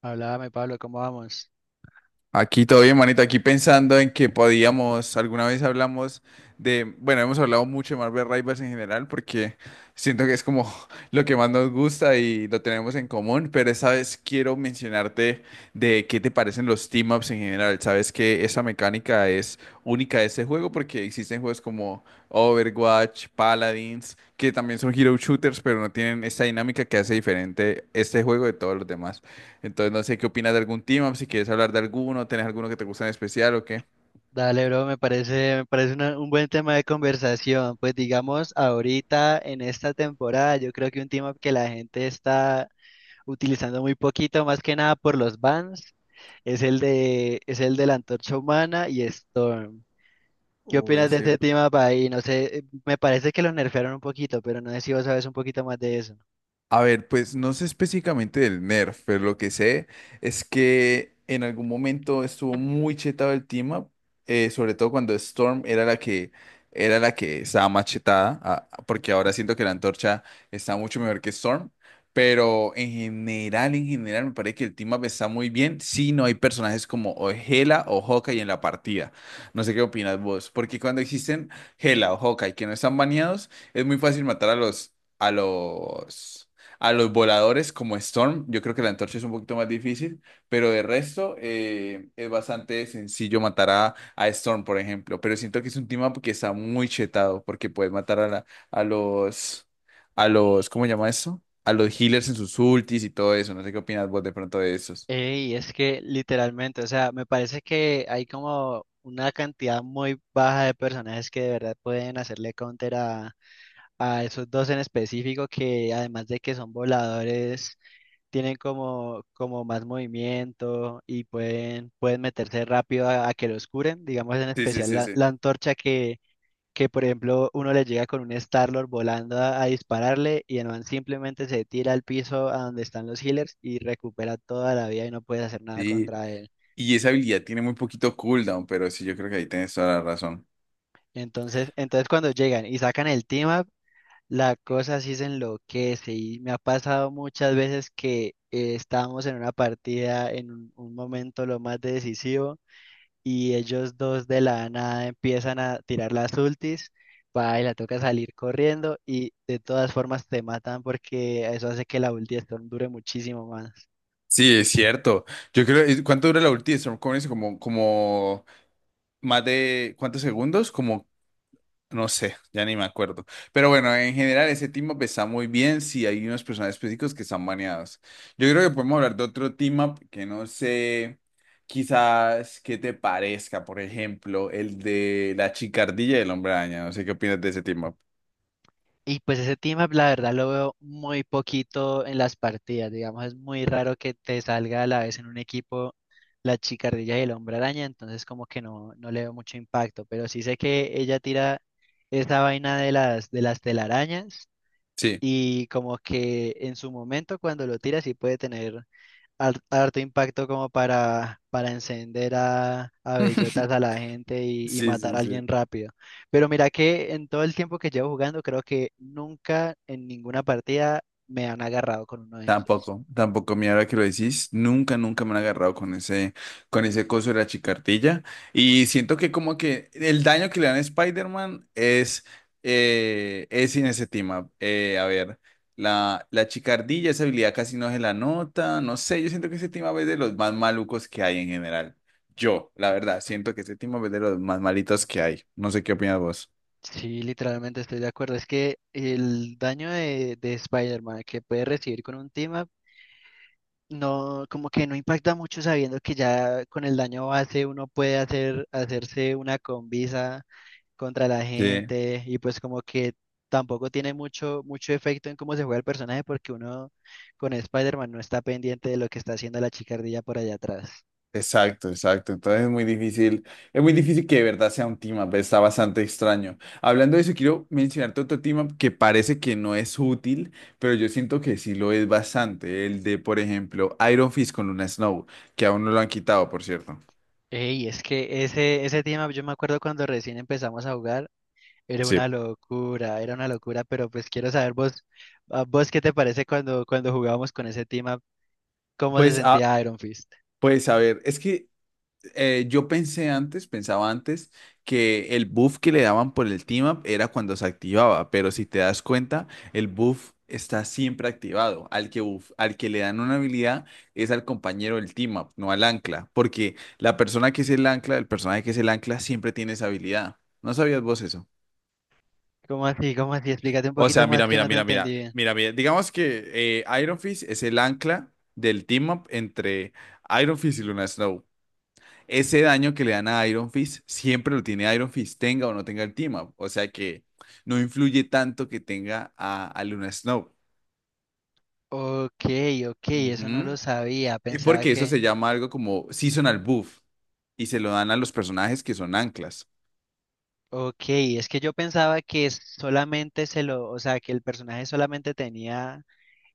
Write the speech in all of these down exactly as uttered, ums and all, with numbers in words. Háblame, Pablo, ¿cómo vamos? Aquí todo bien, manito. Aquí pensando en que podíamos, alguna vez hablamos de, bueno, hemos hablado mucho de Marvel Rivals en general porque siento que es como lo que más nos gusta y lo tenemos en común, pero esta vez quiero mencionarte de qué te parecen los team-ups en general. Sabes que esa mecánica es única de este juego porque existen juegos como Overwatch, Paladins, que también son hero shooters, pero no tienen esta dinámica que hace diferente este juego de todos los demás. Entonces, no sé qué opinas de algún team up, si quieres hablar de alguno, tenés alguno que te gusta en especial o qué. Dale, bro, me parece, me parece una- un buen tema de conversación. Pues digamos, ahorita en esta temporada, yo creo que un tema que la gente está utilizando muy poquito, más que nada por los bans, es el de, es el de la Antorcha Humana y Storm. ¿Qué Oh, opinas es de este cierto. tema, ahí? No sé, eh, me parece que lo nerfearon un poquito, pero no sé si vos sabes un poquito más de eso. A ver, pues no sé específicamente del nerf, pero lo que sé es que en algún momento estuvo muy chetado el team up, eh, sobre todo cuando Storm era la que era la que estaba más chetada, ah, ah, porque ahora siento que la antorcha está mucho mejor que Storm, pero en general, en general me parece que el team up está muy bien si no hay personajes como o Hela o Hawkeye en la partida. No sé qué opinas vos, porque cuando existen Hela o Hawkeye que no están baneados, es muy fácil matar a los a los a los voladores como Storm, yo creo que la antorcha es un poquito más difícil, pero de resto eh, es bastante sencillo matar a, a Storm, por ejemplo. Pero siento que es un team up que está muy chetado, porque puedes matar a, la- a los, a los, ¿cómo se llama eso? A los healers en sus ultis y todo eso. No sé qué opinas vos de pronto de esos. Y es que literalmente, o sea, me parece que hay como una cantidad muy baja de personajes que de verdad pueden hacerle counter a, a esos dos en específico que, además de que son voladores, tienen como, como más movimiento y pueden, pueden meterse rápido a, a que los curen, digamos en Sí, sí, especial sí, la, sí. la antorcha que que por ejemplo uno le llega con un Star-Lord volando a, a dispararle y el man simplemente se tira al piso a donde están los healers y recupera toda la vida y no puedes hacer nada Sí. contra él. Y esa habilidad tiene muy poquito cooldown, pero sí, yo creo que ahí tienes toda la razón. Entonces, entonces cuando llegan y sacan el team up, la cosa sí se enloquece y me ha pasado muchas veces que eh, estábamos en una partida en un, un momento lo más decisivo y ellos dos de la nada empiezan a tirar las ultis, va y la toca salir corriendo y de todas formas te matan porque eso hace que la ulti de Storm dure muchísimo más. Sí, es cierto. Yo creo, ¿cuánto dura la ulti de Storm? Como, como más de cuántos segundos, como no sé, ya ni me acuerdo. Pero bueno, en general ese team up está muy bien si hay unos personajes específicos que están baneados. Yo creo que podemos hablar de otro team up que no sé, quizás que te parezca, por ejemplo, el de la chicardilla y el hombre araña. No sé qué opinas de ese team up. Y pues ese team up la verdad lo veo muy poquito en las partidas, digamos, es muy raro que te salga a la vez en un equipo la chicardilla y el hombre araña, entonces como que no, no le veo mucho impacto, pero sí sé que ella tira esa vaina de las, de las telarañas. Sí. Y como que en su momento cuando lo tira sí puede tener har- harto impacto como para, para encender a, a bellotas a la gente y, y Sí, matar sí, a alguien sí. rápido. Pero mira que en todo el tiempo que llevo jugando creo que nunca en ninguna partida me han agarrado con uno de esos. Tampoco, tampoco, mira, ahora que lo decís, nunca, nunca me han agarrado con ese, con ese coso de la chicardilla. Y siento que como que el daño que le dan a Spider-Man es, eh, es inestimable. Eh, a ver, la, la chicardilla, esa habilidad casi no se la nota, no sé, yo siento que ese team es de los más malucos que hay en general. Yo, la verdad, siento que ese team es de los más malitos que hay. No sé qué opinas vos. Sí, literalmente estoy de acuerdo. Es que el daño de, de Spider-Man que puede recibir con un team no, como que no impacta mucho sabiendo que ya con el daño base uno puede hacer, hacerse una combisa contra la Sí. gente y pues como que tampoco tiene mucho, mucho efecto en cómo se juega el personaje porque uno con Spider-Man no está pendiente de lo que está haciendo la chicardilla por allá atrás. Exacto, exacto. Entonces es muy difícil, es muy difícil que de verdad sea un team up, está bastante extraño. Hablando de eso, quiero mencionarte otro team up que parece que no es útil, pero yo siento que sí lo es bastante. El de, por ejemplo, Iron Fist con Luna Snow, que aún no lo han quitado, por cierto. Ey, es que ese, ese tema, yo me acuerdo cuando recién empezamos a jugar, era Sí. una locura, era una locura, pero pues quiero saber vos, a vos qué te parece cuando, cuando jugábamos con ese tema, cómo se Pues, ah, sentía Iron Fist. pues a ver, es que eh, yo pensé antes, pensaba antes, que el buff que le daban por el team up era cuando se activaba, pero si te das cuenta, el buff está siempre activado. Al que, buff- al que le dan una habilidad es al compañero del team up, no al ancla, porque la persona que es el ancla, el personaje que es el ancla, siempre tiene esa habilidad. ¿No sabías vos eso? ¿Cómo así? ¿Cómo así? Explícate un O poquito sea, más mira, que mira, no te mira, entendí mira, bien. mira, mira. Digamos que eh, Iron Fist es el ancla del team up entre Iron Fist y Luna Snow. Ese daño que le dan a Iron Fist siempre lo tiene Iron Fist, tenga o no tenga el team up. O sea que no influye tanto que tenga a, a Luna Snow. Ok, ok, eso no lo Ujú. sabía. Y Pensaba porque eso que... se llama algo como seasonal buff y se lo dan a los personajes que son anclas. Ok, es que yo pensaba que solamente se lo... O sea, que el personaje solamente tenía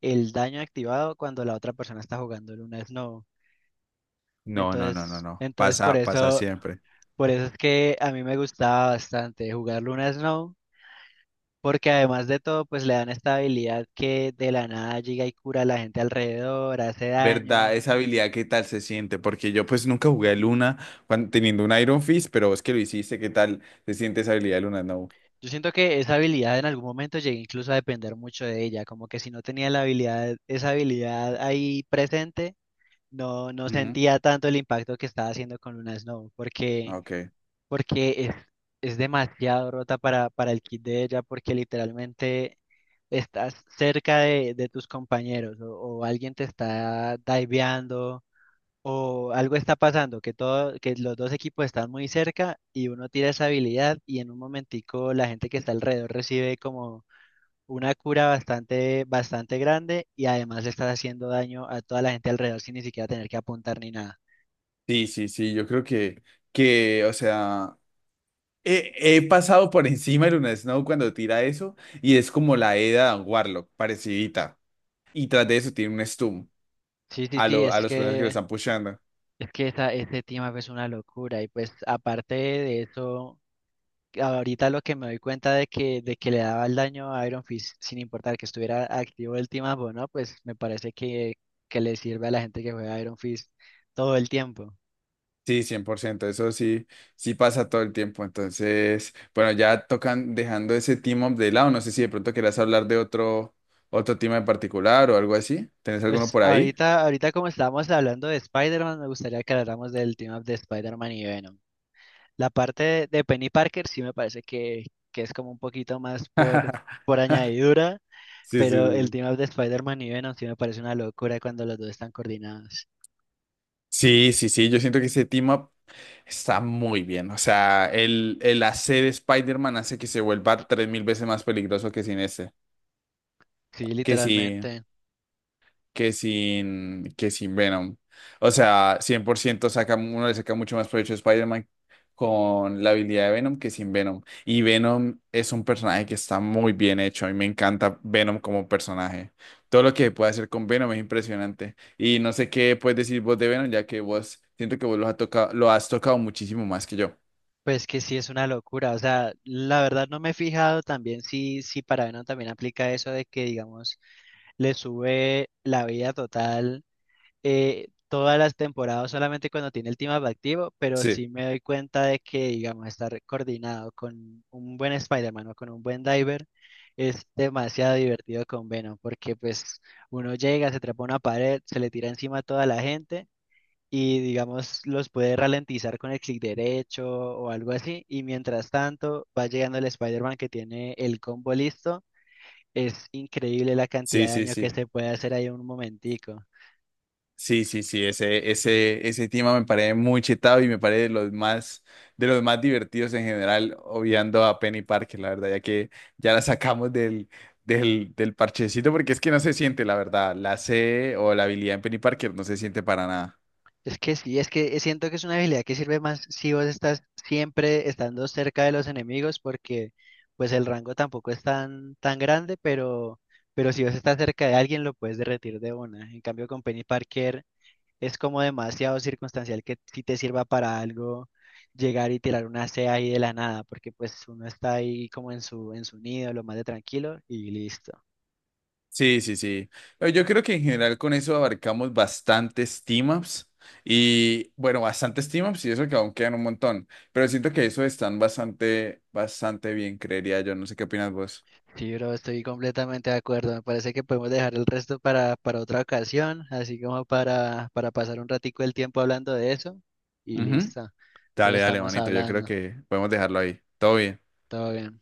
el daño activado cuando la otra persona está jugando el una no. No, no, no, no, Entonces, no. entonces por Pasa, pasa eso, siempre. por eso es que a mí me gustaba bastante jugar Luna Snow, porque además de todo, pues le dan esta habilidad que de la nada llega y cura a la gente alrededor, hace ¿Verdad? daño. Esa habilidad, ¿qué tal se siente? Porque yo pues nunca jugué a Luna cuan- teniendo un Iron Fist, pero vos que lo hiciste, ¿qué tal se siente esa habilidad de Luna? No. Yo siento que esa habilidad en algún momento llegué incluso a depender mucho de ella, como que si no tenía la habilidad, esa habilidad ahí presente, no, no Ujú. sentía tanto el impacto que estaba haciendo con Luna Snow, porque, Ok. porque es, es demasiado rota para, para el kit de ella, porque literalmente estás cerca de, de tus compañeros o, o alguien te está diveando o algo está pasando, que todo, que los dos equipos están muy cerca y uno tira esa habilidad y en un momentico la gente que está alrededor recibe como una cura bastante, bastante grande y además le estás haciendo daño a toda la gente alrededor sin ni siquiera tener que apuntar ni nada. Sí, sí, sí, yo creo que, que o sea, he, he pasado por encima de Luna Snow cuando tira eso y es como la Eda Warlock, parecidita. Y tras de eso tiene un stun Sí, sí, a, sí, lo- a es los personas que lo que, están pushando. es que esa, ese tema pues, es una locura y pues aparte de eso. Ahorita lo que me doy cuenta de que, de que le daba el daño a Iron Fist, sin importar que estuviera activo el team up o no, pues me parece que, que le sirve a la gente que juega Iron Fist todo el tiempo. Sí, cien por ciento. Eso sí, sí pasa todo el tiempo. Entonces, bueno, ya tocan dejando ese team up de lado. No sé si de pronto quieras hablar de otro, otro team en particular o algo así. ¿Tenés alguno Pues por ahí? ahorita, ahorita como estábamos hablando de Spider-Man, me gustaría que habláramos del team up de Spider-Man y Venom. La parte de, de Penny Parker sí me parece que, que es como un poquito más por, por añadidura, Sí, sí, pero el sí. team up de Spider-Man y Venom sí me parece una locura cuando los dos están coordinados. Sí, sí, sí, sí, yo siento que ese team up está muy bien. O sea, el, el hacer Spider-Man hace que se vuelva tres mil veces más peligroso que sin ese Sí, que si, literalmente. que sin, que sin Venom. O sea, cien por ciento saca, uno le saca mucho más provecho a Spider-Man con la habilidad de Venom que sin Venom. Y Venom es un personaje que está muy bien hecho. A mí me encanta Venom como personaje. Todo lo que puede hacer con Venom es impresionante. Y no sé qué puedes decir vos de Venom, ya que vos siento que vos lo has tocado, lo has tocado muchísimo más que yo. Pues que sí es una locura, o sea, la verdad no me he fijado también si, si para Venom también aplica eso de que, digamos, le sube la vida total eh, todas las temporadas solamente cuando tiene el team up activo, pero sí me doy cuenta de que, digamos, estar coordinado con un buen Spider-Man o con un buen Diver es demasiado divertido con Venom, porque pues uno llega, se trepa a una pared, se le tira encima a toda la gente y digamos los puede ralentizar con el clic derecho o algo así. Y mientras tanto va llegando el Spider-Man que tiene el combo listo. Es increíble la cantidad Sí, de sí, daño que sí. se puede hacer ahí en un momentico. Sí, sí, sí. Ese, ese, ese tema me parece muy chetado y me parece de los más, de los más divertidos en general, obviando a Penny Parker, la verdad, ya que ya la sacamos del, del, del parchecito, porque es que no se siente, la verdad. La C o la habilidad en Penny Parker no se siente para nada. Es que sí, es que siento que es una habilidad que sirve más si vos estás siempre estando cerca de los enemigos porque pues el rango tampoco es tan, tan grande, pero, pero si vos estás cerca de alguien lo puedes derretir de una. En cambio con Penny Parker es como demasiado circunstancial que si te sirva para algo llegar y tirar una C ahí de la nada, porque pues uno está ahí como en su, en su nido, lo más de tranquilo y listo. Sí, sí, sí. Eh, Yo creo que en general con eso abarcamos bastantes team-ups y bueno, bastantes team-ups y eso que aún quedan un montón, pero siento que eso están bastante, bastante bien, creería yo. No sé qué opinas vos. Sí, bro, estoy completamente de acuerdo. Me parece que podemos dejar el resto para, para otra ocasión, así como para, para pasar un ratico el tiempo hablando de eso y Ujú. listo. Entonces Dale, dale, estamos manito. Yo creo hablando. que podemos dejarlo ahí. Todo bien. Todo bien.